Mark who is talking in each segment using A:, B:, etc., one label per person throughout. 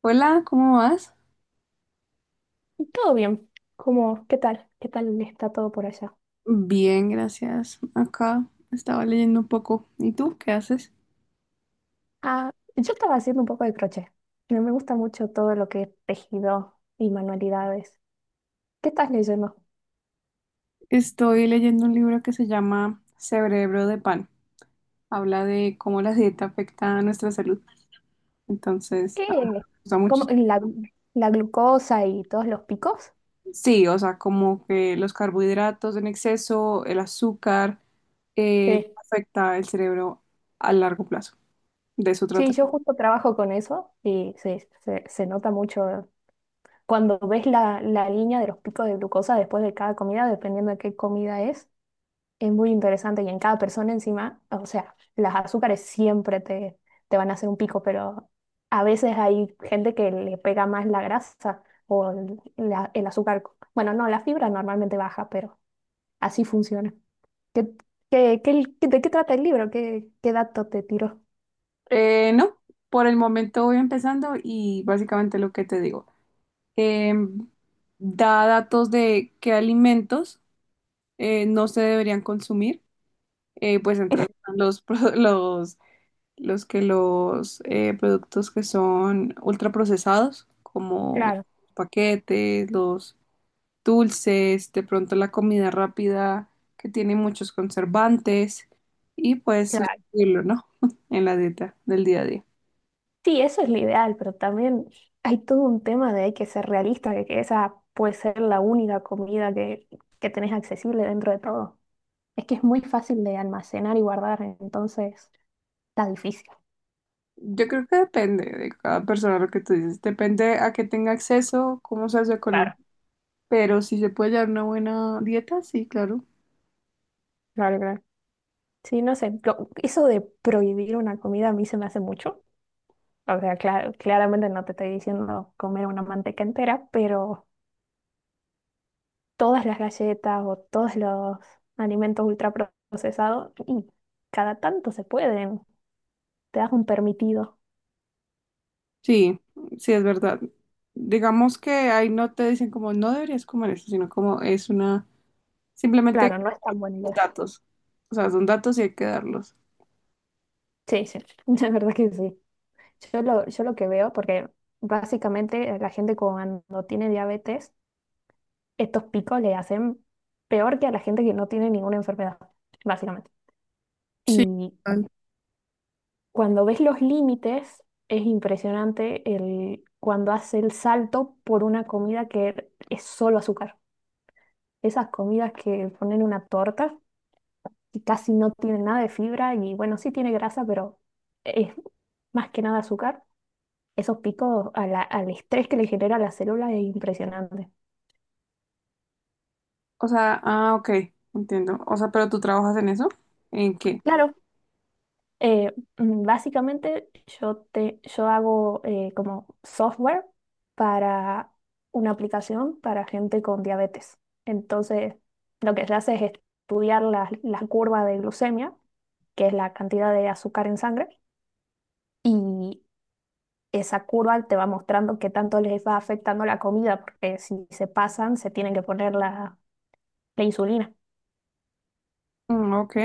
A: Hola, ¿cómo vas?
B: Todo bien. ¿Cómo, qué tal? ¿Qué tal está todo por allá?
A: Bien, gracias. Acá estaba leyendo un poco. ¿Y tú qué haces?
B: Ah, yo estaba haciendo un poco de crochet. Me gusta mucho todo lo que es tejido y manualidades. ¿Qué estás leyendo?
A: Estoy leyendo un libro que se llama Cerebro de Pan. Habla de cómo la dieta afecta a nuestra salud. Entonces,
B: Eh,
A: me gusta
B: ¿Cómo,
A: mucho.
B: la, la glucosa y todos los picos?
A: Sí, o sea, como que los carbohidratos en exceso, el azúcar,
B: Sí.
A: afecta el cerebro a largo plazo. De eso trata.
B: Sí, yo justo trabajo con eso y sí, se nota mucho cuando ves la línea de los picos de glucosa después de cada comida, dependiendo de qué comida es. Es muy interesante y en cada persona encima, o sea, las azúcares siempre te van a hacer un pico, pero a veces hay gente que le pega más la grasa o el azúcar. Bueno, no, la fibra normalmente baja, pero así funciona. ¿Qué, de qué trata el libro? ¿Qué dato te tiró?
A: No, por el momento voy empezando y básicamente lo que te digo. eh, Da datos de qué alimentos, no se deberían consumir, pues entre los, pro- los, los que los productos que son ultraprocesados, como
B: Claro,
A: paquetes, los dulces, de pronto la comida rápida que tiene muchos conservantes y pues
B: claro.
A: sustituirlo, ¿no? En la dieta del día a día.
B: Sí, eso es lo ideal, pero también hay todo un tema de hay que ser realista, de que esa puede ser la única comida que tenés accesible dentro de todo. Es que es muy fácil de almacenar y guardar, entonces está difícil.
A: Yo creo que depende de cada persona lo que tú dices, depende a qué tenga acceso, cómo sea su economía.
B: Claro.
A: Pero si se puede llevar una buena dieta, sí, claro.
B: Claro, claro. Sí, no sé, eso de prohibir una comida a mí se me hace mucho. O sea, claramente no te estoy diciendo comer una manteca entera, pero todas las galletas o todos los alimentos ultraprocesados, y cada tanto se pueden, te das un permitido.
A: Sí, sí, es verdad. Digamos que ahí no te dicen como no deberías comer esto, sino como es una, simplemente
B: Claro, no es tan buena idea.
A: datos. O sea, son datos y hay que darlos.
B: Sí, sí, la verdad que sí. Yo lo que veo, porque básicamente la gente cuando tiene diabetes estos picos le hacen peor que a la gente que no tiene ninguna enfermedad, básicamente.
A: Sí,
B: Y
A: total.
B: cuando ves los límites, es impresionante el, cuando hace el salto por una comida que es solo azúcar. Esas comidas que ponen una torta y casi no tienen nada de fibra y bueno, sí tiene grasa, pero es más que nada azúcar. Esos picos a al estrés que le genera a la célula es impresionante.
A: O sea, ok, entiendo. O sea, pero tú trabajas en eso, ¿en qué?
B: Claro. Eh, básicamente yo hago como software para una aplicación para gente con diabetes. Entonces, lo que se hace es estudiar la curva de glucemia, que es la cantidad de azúcar en sangre, y esa curva te va mostrando qué tanto les va afectando la comida, porque si se pasan, se tienen que poner la insulina.
A: Mm, ok,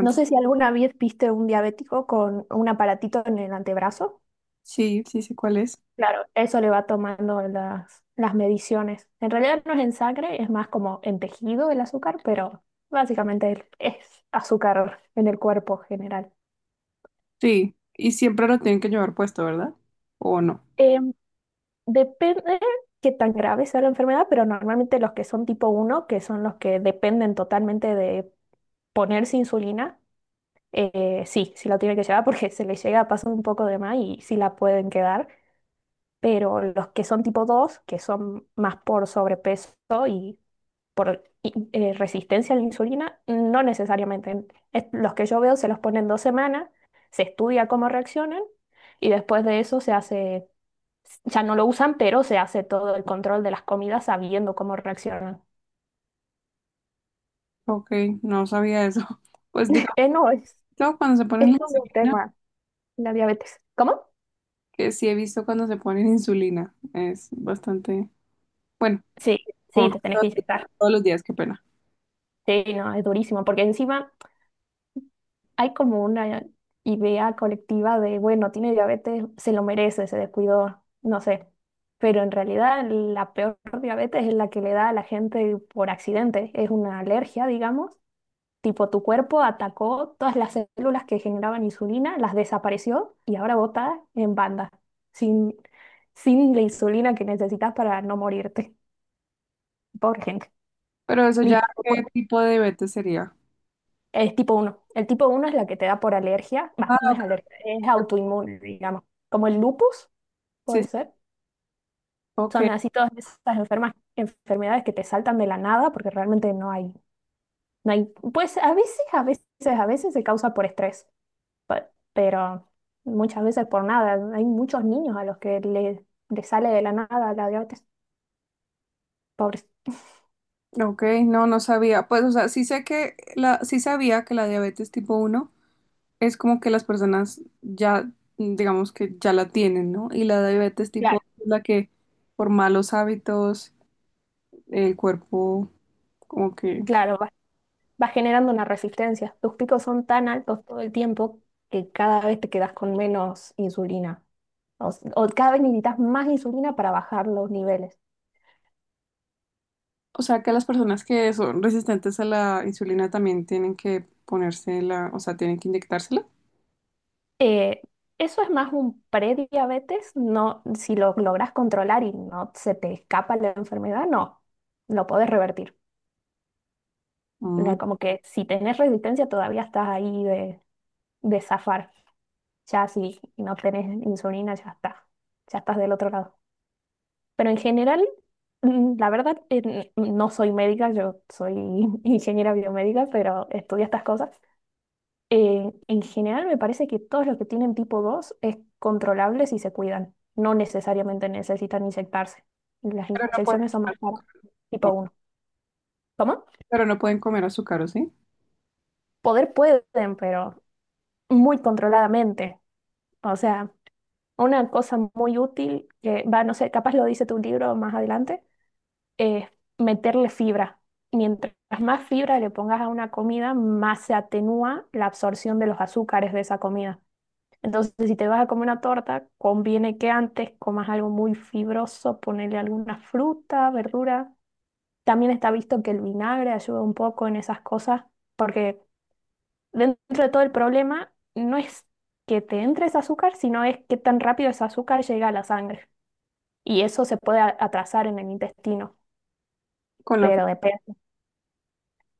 B: No sé si alguna vez viste un diabético con un aparatito en el antebrazo.
A: Sí, sí, sé cuál es.
B: Claro, eso le va tomando las mediciones. En realidad no es en sangre, es más como en tejido el azúcar, pero básicamente es azúcar en el cuerpo general.
A: Sí, y siempre lo tienen que llevar puesto, ¿verdad? ¿O no?
B: Eh, depende qué tan grave sea la enfermedad, pero normalmente los que son tipo uno, que son los que dependen totalmente de ponerse insulina, sí, sí la tienen que llevar porque se les llega a pasar un poco de más y sí la pueden quedar, pero los que son tipo 2, que son más por sobrepeso y por resistencia a la insulina, no necesariamente. Los que yo veo se los ponen dos semanas, se estudia cómo reaccionan y después de eso se hace, ya no lo usan, pero se hace todo el control de las comidas sabiendo cómo reaccionan.
A: Ok, no sabía eso. Pues digamos,
B: No, es,
A: claro, cuando se
B: es
A: ponen
B: todo un
A: las
B: tema, la diabetes. ¿Cómo?
A: que sí he visto cuando se ponen insulina. Es bastante, bueno,
B: Sí, sí,
A: ojo,
B: te tenés que inyectar.
A: todos los días, qué pena.
B: Sí, no, es durísimo, porque encima hay como una idea colectiva de, bueno, tiene diabetes, se lo merece, se descuidó, no sé. Pero en realidad la peor diabetes es la que le da a la gente por accidente. Es una alergia, digamos. Tipo, tu cuerpo atacó todas las células que generaban insulina, las desapareció y ahora bota en banda, sin, sin la insulina que necesitas para no morirte. Pobre gente.
A: Pero eso ya,
B: Y
A: ¿qué tipo de diabetes sería?
B: Es tipo uno. El tipo uno es la que te da por alergia. Va,
A: Ah,
B: no es
A: ok.
B: alergia, es autoinmune, digamos. Como el lupus,
A: Sí,
B: puede
A: sí,
B: ser.
A: ok,
B: Son así todas esas enfermedades que te saltan de la nada porque realmente no hay. Pues a veces se causa por estrés, pe- pero muchas veces por nada. Hay muchos niños a los le sale de la nada la diabetes. Pobres.
A: ok, no, no sabía. Pues, o sea, sí sé que la, sí sabía que la diabetes tipo uno es como que las personas ya, digamos que ya la tienen, ¿no? Y la diabetes tipo
B: Claro,
A: 2 es la que por malos hábitos el cuerpo como que
B: claro, va generando una resistencia. Tus picos son tan altos todo el tiempo que cada vez te quedas con menos insulina. O cada vez necesitas más insulina para bajar los niveles.
A: O sea, que las personas que son resistentes a la insulina también tienen que ponérsela, o sea, tienen que inyectársela.
B: Eh, eso es más un prediabetes, no, si lo logras controlar y no se te escapa la enfermedad, no, lo podés revertir.
A: Mm,
B: Era Como que si tenés resistencia todavía estás ahí de zafar. Ya si no tenés insulina, ya está, ya estás del otro lado. Pero en general, la verdad, no soy médica, yo soy ingeniera biomédica, pero estudio estas cosas. En general me parece que todos los que tienen tipo 2 es controlable si se cuidan. No necesariamente necesitan inyectarse. Las
A: pero no pueden
B: inyecciones son más
A: comer
B: caras,
A: azúcar. Oh,
B: tipo uno. ¿Cómo?
A: pero no pueden comer azúcar, ¿o sí?
B: Poder pueden, pero muy controladamente. O sea, una cosa muy útil que va, no sé, capaz lo dice tu libro más adelante, es meterle fibra. Mientras más fibra le pongas a una comida, más se atenúa la absorción de los azúcares de esa comida. Entonces, si te vas a comer una torta, conviene que antes comas algo muy fibroso, ponerle alguna fruta, verdura. También está visto que el vinagre ayuda un poco en esas cosas, porque dentro de todo el problema no es que te entre ese azúcar, sino es que tan rápido ese azúcar llega a la sangre. Y eso se puede atrasar en el intestino,
A: Con la fe.
B: pero depende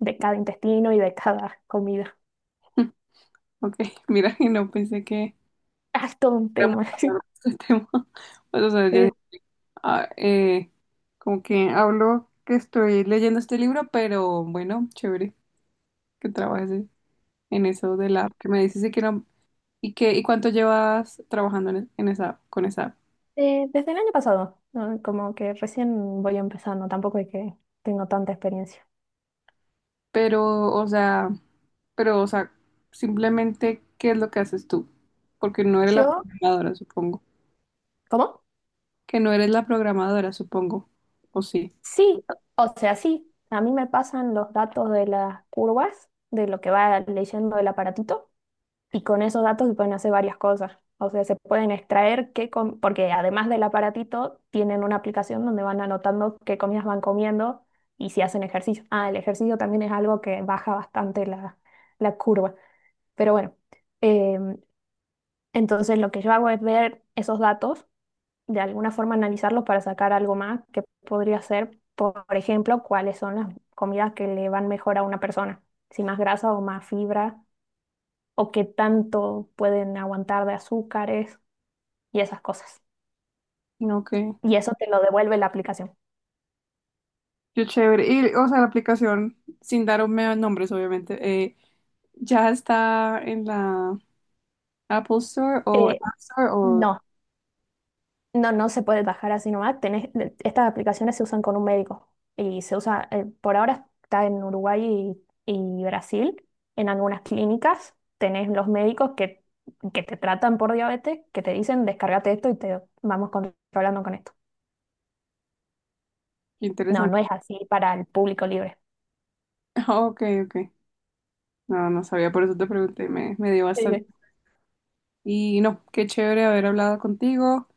B: de cada intestino y de cada comida.
A: Ok, mira, y no pensé que
B: Ah, es todo un
A: íbamos
B: tema.
A: a hablar de este tema. Pues, o sea, yo,
B: Sí.
A: ah, eh, como que hablo que estoy leyendo este libro, pero bueno, chévere que trabajes en eso de la app que me dices y que no. ¿Y qué, y cuánto llevas trabajando en esa, con esa app?
B: Desde el año pasado, ¿no? Como que recién voy empezando, tampoco es que tengo tanta experiencia.
A: Pero, o sea, pero, o sea, simplemente, ¿qué es lo que haces tú? Porque no eres la
B: Yo,
A: programadora, supongo.
B: ¿cómo?
A: Que no eres la programadora, supongo. O sí.
B: Sí, o sea, sí, a mí me pasan los datos de las curvas, de lo que va leyendo el aparatito, y con esos datos se pueden hacer varias cosas. O sea, se pueden extraer qué, porque además del aparatito, tienen una aplicación donde van anotando qué comidas van comiendo y si hacen ejercicio. Ah, el ejercicio también es algo que baja bastante la curva. Pero bueno. em, Entonces, lo que yo hago es ver esos datos, de alguna forma analizarlos para sacar algo más que podría ser, por ejemplo, cuáles son las comidas que le van mejor a una persona, si más grasa o más fibra, o qué tanto pueden aguantar de azúcares y esas cosas.
A: No, que.
B: Y eso te lo devuelve la aplicación.
A: Yo chévere. Y, o sea, la aplicación, sin darme nombres, obviamente, ya está en la Apple Store o
B: Eh,
A: App Store o.
B: no, No, no se puede bajar así nomás. Tenés, estas aplicaciones se usan con un médico y se usa, por ahora está en Uruguay y, y Brasil. En algunas clínicas tenés los médicos que te tratan por diabetes, que te dicen descárgate esto y te vamos controlando con esto.
A: Qué
B: No,
A: interesante.
B: no es así para el público libre.
A: Ah, ok, ok. No, no sabía, por eso te pregunté, me dio
B: Sí,
A: bastante.
B: sí.
A: Y no, qué chévere haber hablado contigo.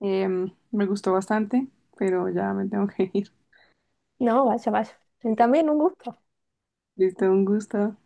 A: Me gustó bastante, pero ya me tengo que ir.
B: No, vaya, vaya. También un gusto.
A: Listo, un gusto.